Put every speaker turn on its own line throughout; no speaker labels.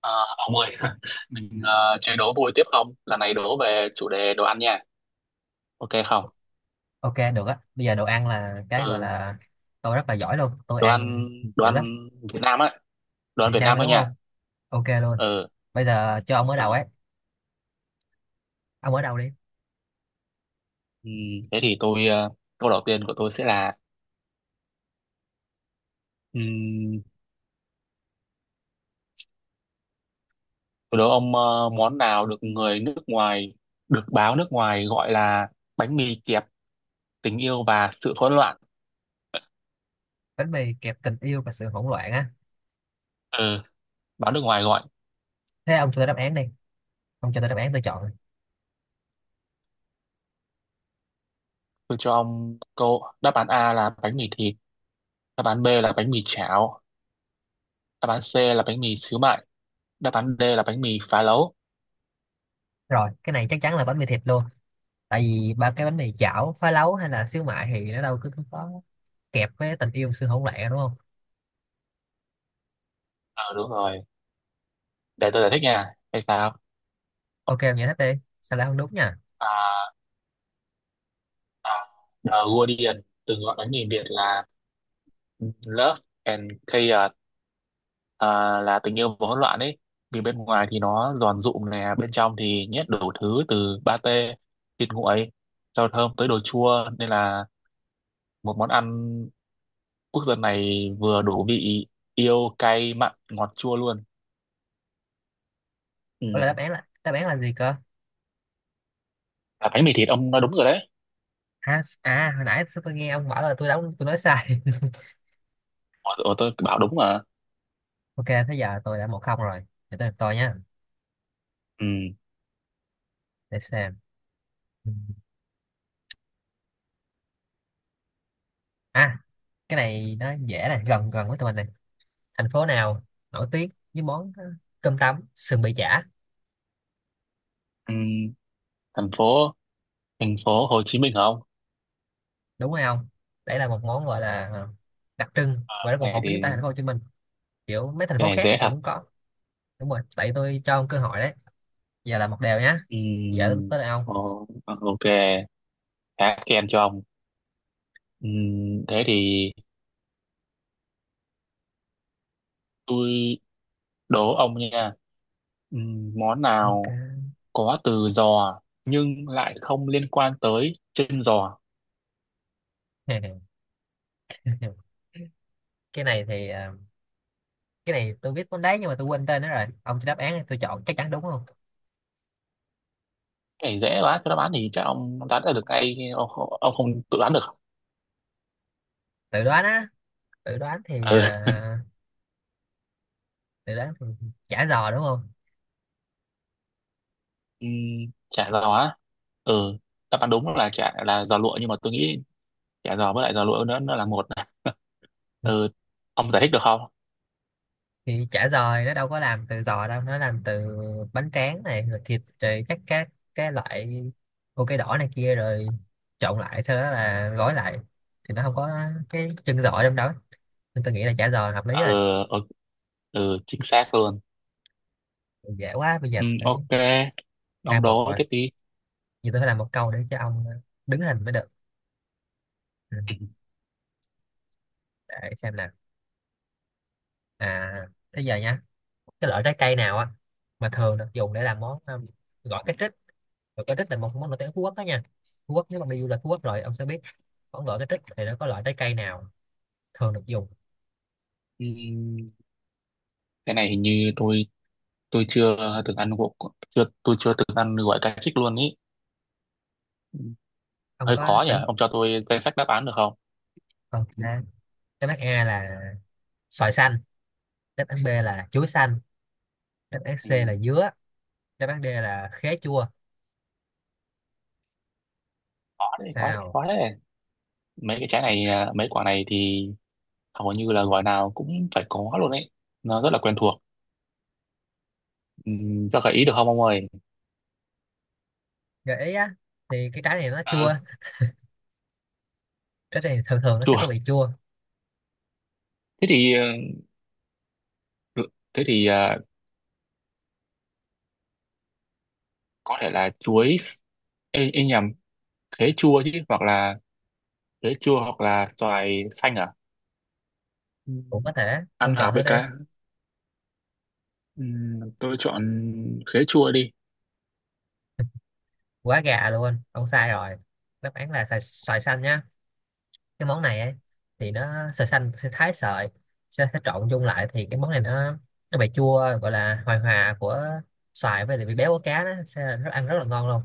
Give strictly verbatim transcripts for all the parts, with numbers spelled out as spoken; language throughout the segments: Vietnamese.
À, ông ơi, mình ờ, chơi đố vui tiếp không? Lần này đố về chủ đề đồ ăn nha. Ok không?
OK, được á. Bây giờ đồ ăn là cái gọi
Ừ,
là tôi rất là giỏi luôn, tôi
đồ
ăn
ăn đồ
dữ lắm.
ăn Việt Nam á, đồ ăn
Việt
Việt
Nam
Nam
thôi,
thôi
đúng
nha.
không? OK luôn.
Ừ,
Bây giờ cho ông ở đầu
ừ.
ấy, ông ở đầu đi.
Ừm, thế thì tôi ờ, câu đầu tiên của tôi sẽ là ừm, tôi đố ông ờ, món nào được người nước ngoài được báo nước ngoài gọi là bánh mì kẹp tình yêu và sự hỗn loạn.
Bánh mì kẹp tình yêu và sự hỗn loạn á?
Ừ, báo nước ngoài gọi.
Thế ông cho tôi đáp án đi, ông cho tôi đáp án tôi chọn.
Tôi cho ông câu đáp án A là bánh mì thịt, đáp án B là bánh mì chảo, đáp án C là bánh mì xíu mại, đáp án D là bánh mì phá lấu.
Rồi, cái này chắc chắn là bánh mì thịt luôn. Tại vì ba cái bánh mì chảo phá lấu hay là xíu mại thì nó đâu cứ, cứ có kẹp với tình yêu sự hỗn loạn, đúng không?
Ờ đúng rồi, để tôi giải thích nha, hay sao.
OK, ông giải thích đi, sao lại không đúng nha.
à, à, The Guardian từng gọi bánh mì Việt là Love and Chaos, à, là tình yêu và hỗn loạn ấy, vì bên ngoài thì nó giòn rụm nè, bên trong thì nhét đủ thứ từ pate, thịt nguội, rau thơm tới đồ chua, nên là một món ăn quốc dân này vừa đủ vị yêu cay mặn ngọt chua luôn. Ừ.
Ủa, là đáp án là đáp án là gì cơ?
Là bánh mì thịt, ông nói đúng rồi đấy.
À, à hồi nãy tôi nghe ông bảo là tôi đóng tôi nói sai.
Ủa, tôi bảo đúng mà.
OK, thế giờ tôi đã một không rồi. Để tới lượt tôi nhá.
Ừ.
Để xem. Ừ. À, cái này nó dễ này, gần gần với tụi mình này. Thành phố nào nổi tiếng với món ờ, cơm tấm, sườn bì chả,
Ừ. Thành phố thành phố Hồ Chí Minh hả ông?
đúng hay không? Đấy là một món gọi là ờ, đặc trưng và rất một
Cái này
phổ biến tại
thì
thành phố Hồ Chí Minh. Kiểu mấy thành
cái
phố
này
khác
dễ thật.
cũng có. Đúng rồi, tại tôi cho ông cơ hội đấy. Giờ là một đều nhá.
Ừ.
Giờ tới là ông.
Ồ, ok, khá khen cho ông. Ừ. Thế thì tôi đố ông nha. Ừ. Món
OK.
nào có từ giò nhưng lại không liên quan tới chân giò?
Cái này thì ờ, cái này tôi biết món đấy, nhưng mà tôi quên tên nó rồi. Ông cho đáp án thì tôi chọn chắc chắn đúng không?
Cái này dễ quá, cái đáp án thì chắc ông đoán ra được ngay, ông, không- ông không tự đoán được.
Tự đoán á, tự đoán thì ờ,
Ừ.
từ đó ừ, chả giò đúng không?
Ừ. Chả giò á. Ừ. Đáp án đúng là chả là giò lụa, nhưng mà tôi nghĩ chả giò với lại giò lụa nó nó là một này.
Ừ,
Ừ, ông giải thích được không.
thì chả giò thì nó đâu có làm từ giò đâu, nó làm từ bánh tráng này rồi thịt rồi các các cái loại ô cây đỏ này kia rồi trộn lại sau đó là gói lại, thì nó không có cái chân giò trong đó, nên tôi nghĩ là chả giò là hợp lý
Ừ,
rồi.
ừ, ừ, chính xác luôn.
Dễ quá, bây giờ
Ừ,
tôi phải
ok,
hai
ông
một
đố
rồi.
tiếp đi.
Giờ tôi phải làm một câu để cho ông đứng hình mới được. ừ, để xem nào. À, thế giờ nha, cái loại trái cây nào á mà thường được dùng để làm món um, gỏi cá trích, và cái trích là một món nổi tiếng ở Phú Quốc đó nha. Phú Quốc, nếu bạn đi du lịch Phú Quốc rồi ông sẽ biết món gỏi cái trích thì nó có loại trái cây nào thường được dùng?
Ừ, ừ, cái này hình như tôi tôi chưa từng ăn gỗ, chưa, tôi chưa từng ăn gỏi cá trích luôn ý. Ừ,
Ông
hơi
có
khó nhỉ,
tính
ông cho tôi danh sách đáp án được không.
còn đáp đáp án A là xoài xanh, đáp án bê là chuối xanh, đáp án xê
Ừ,
là dứa, đáp án đê là khế chua.
khó đấy, khó đấy,
Sao?
khó đấy. Mấy cái trái này à, mấy quả này thì hầu như là gỏi nào cũng phải có luôn ấy, nó rất là quen thuộc. Ừ, cho gợi ý được không ông ơi.
Gợi ý á? Thì cái trái này nó
Ừ,
chua, trái này thường thường nó sẽ
chùa.
có vị chua.
Thế thì ờ, được. Thế thì à, có thể là chuối s- ê, ê nhầm khế chua chứ, hoặc là khế chua hoặc là xoài xanh à? Ừm,
Cũng có thể,
Ăn
ông
hợp
chọn thử
với
đi.
cá. Ừm, tôi chọn khế chua đi.
Quá gà luôn, ông sai rồi. Đáp án là xoài, xoài xanh nhá. Cái món này ấy, thì nó sợi xanh sẽ thái sợi, sẽ, sẽ trộn chung lại, thì cái món này nó nó bị chua, gọi là hòa hòa của xoài với lại vị béo của cá, nó sẽ rất ăn rất là ngon luôn.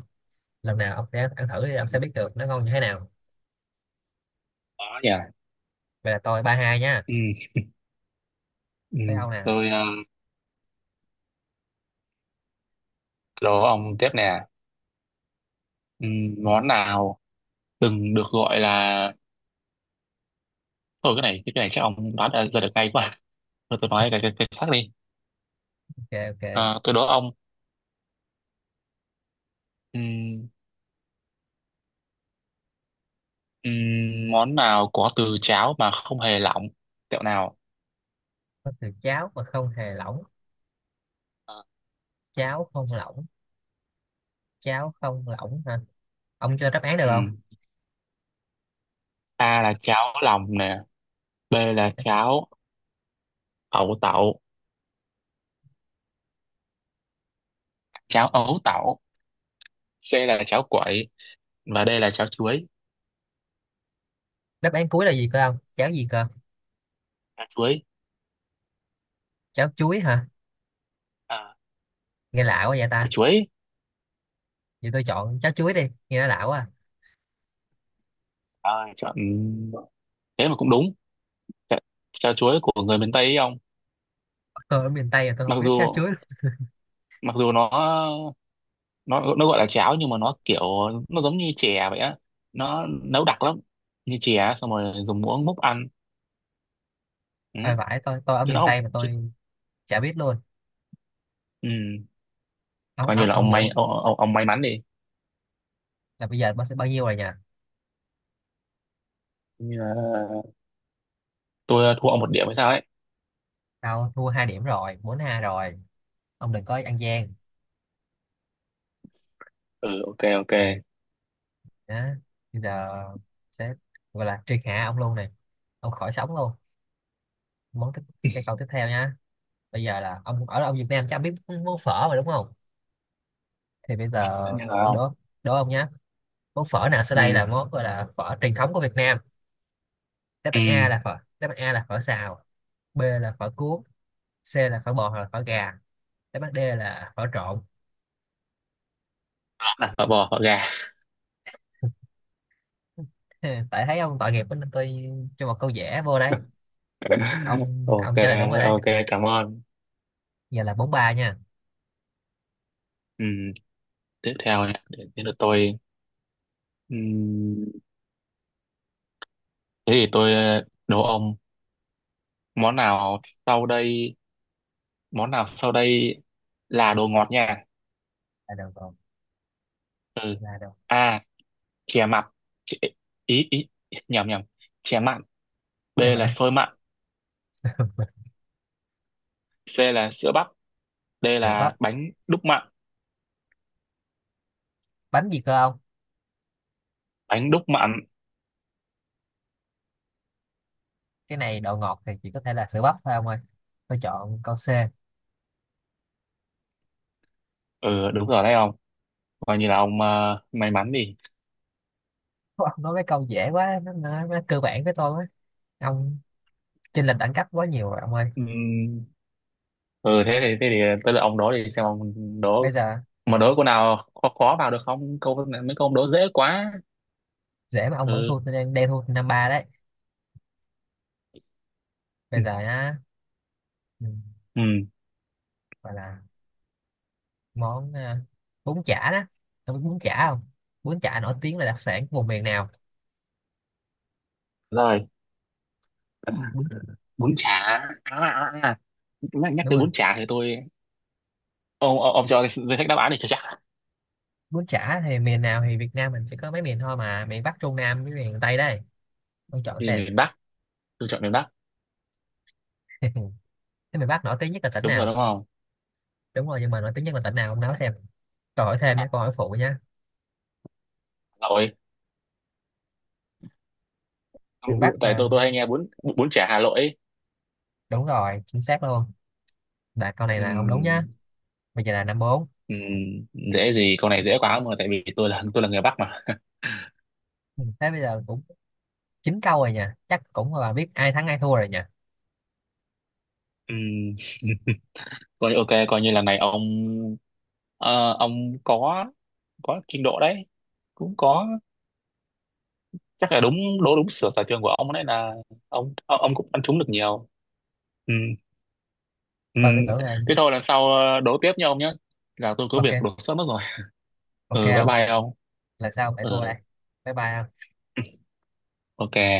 Lần nào ông sẽ ăn thử đi, ông sẽ biết được nó ngon như thế nào.
Đó nhỉ.
Vậy là tôi ba hai nha.
Ừm,
Tới
ừm.
ông nè.
Tôi à, đố ông tiếp nè. Ừm, món nào từng được gọi là, thôi cái này cái này chắc ông đoán ra ra được ngay quá. Thôi tôi nói cái cái, cái khác đi.
OK, OK.
À, tôi đố ông, ừm, ừm, món nào có từ cháo mà không hề lỏng? Kẹo nào?
Có từ cháo mà không hề lỏng?
Ờ.
Cháo không lỏng? Cháo không lỏng hả? Ông cho đáp án được không?
A là cháo lòng nè, B là cháo ấu tẩu, cháo ấu tẩu, C là cháo quậy, và D là cháo chuối.
Đáp án cuối là gì cơ ông? Cháo gì cơ?
Cháo chuối,
Cháo chuối hả?
à,
Nghe lạ quá vậy
quả
ta.
chuối,
Vậy tôi chọn cháo chuối đi, nghe nó lạ quá à.
à, chọn, thế mà cũng đúng. Cháo, cháo chuối của người miền Tây ấy ông,
Tôi ở miền Tây là tôi không
mặc
biết cháo
dù
chuối.
mặc dù nó, nó nó gọi là cháo nhưng mà nó kiểu nó giống như chè vậy á, nó nấu đặc lắm, như chè xong rồi dùng muỗng múc ăn. Ừ,
À, vãi, tôi tôi ở
chứ nó
miền
không,
Tây mà
chứ,
tôi chả biết luôn.
ừ,
ông
coi như
ông
là
ông
ông
Vũ
may, ông, ông, ông may mắn đi.
là bây giờ bác sẽ bao nhiêu rồi nhỉ?
Như là tôi thua ông một điểm hay sao ấy.
Tao thua hai điểm rồi, bốn hai rồi, ông đừng có ăn gian.
Ừ, ok, ok.
Đó, bây giờ sẽ gọi là triệt hạ ông luôn này, ông khỏi sống luôn. Món tiếp, cái câu tiếp theo nha. Bây giờ là ông ở ông Việt Nam chắc biết món phở mà đúng không? Thì bây giờ
Tự nhiên
tôi
không.
đố đố ông nhé, món phở nào sau đây
Ừ.
là món gọi là phở truyền thống của Việt Nam? Đáp án A
Ừ,
là phở đáp án A là phở xào, bê là phở cuốn, xê là phở bò hoặc là phở gà, đáp án đê là phở trộn.
đặt phở bò phở gà.
Tại thấy ông tội nghiệp quá nên tôi cho một câu dễ vô đấy. ông
Ok,
ông trả lời đúng rồi đấy.
ok, cảm ơn.
Giờ là bốn ba nha.
Ừ, tiếp theo nha, để đến lượt tôi. Ừ, thế thì tôi ờ, đố ông món nào sau đây, món nào sau đây là đồ ngọt nha.
Là đầu còn?
Ừ,
Là đầu,
A chè mặn, Chè- ý ý nhầm nhầm chè mặn, B
nhưng mà
là xôi mặn, C là sữa bắp, D
sữa bắp,
là bánh đúc mặn.
bánh gì cơ ông?
Bánh đúc mặn.
Cái này độ ngọt thì chỉ có thể là sữa bắp thôi ông ơi, tôi chọn câu xê.
Ừ đúng rồi đấy không, coi như là ông ờ, may mắn đi.
Ông nói mấy câu dễ quá, nó, nó, nó cơ bản với tôi á. Ông chênh lệch đẳng cấp quá nhiều rồi ông ơi.
Ừ, ừ, thế thì thế thì tới lượt ông đố đi xem ông
Bây
đố,
giờ
mà đố câu nào khó khó vào được không, câu này- mấy câu ông đố dễ quá.
dễ mà ông vẫn
Ừ,
thua tôi, đang đang thua năm ba đấy. Bây
ừ.
giờ á, ừ,
Ừ.
gọi là món à, bún chả đó. Ông biết bún chả không? Bún chả nổi tiếng là đặc sản của vùng miền nào?
Rồi
Bún,
bún chả à, à, à. à. Nhắc, nhắc
đúng
tới
rồi.
bún chả thì tôi, ông ông, ông cho cái danh sách đáp án này cho chắc,
Bún chả thì miền nào? Thì Việt Nam mình chỉ có mấy miền thôi mà, miền Bắc Trung Nam với miền Tây đây, ông chọn
thì
xem.
miền Bắc. Tôi chọn miền Bắc
Thế miền Bắc nổi tiếng nhất là tỉnh
đúng rồi
nào?
đúng không.
Đúng rồi, nhưng mà nổi tiếng nhất là tỉnh nào ông nói xem. Câu hỏi thêm để câu hỏi phụ nhá.
Hà Nội. Ừ,
Miền
ừ,
Bắc
tại
mà,
tôi tôi hay nghe bún, bún chả Hà Nội ấy.
đúng rồi, chính xác luôn. Là câu này
Ừ,
là ông đúng nhá. Bây giờ là năm bốn.
ừ, dễ gì, câu này dễ quá mà, tại vì tôi là tôi là người Bắc mà.
Ừ, thế bây giờ cũng chín câu rồi nha, chắc cũng là biết ai thắng ai thua rồi nha.
Ừ. Coi ok, coi như lần này ông ờ, ông có có trình độ đấy, cũng có, chắc là đúng, đố đúng sở sở trường của ông đấy, là ông ông ông cũng ăn trúng được nhiều. Ừ, ừ.
Coi cái tưởng là.
Thế thôi, lần sau ờ, đố tiếp nha ông nhé, là tôi có việc
OK,
đột xuất mất rồi.
OK
Ừ, bye
không?
bye ông.
Là sao lại thua đây?
Ừ
Bye bye.
ok.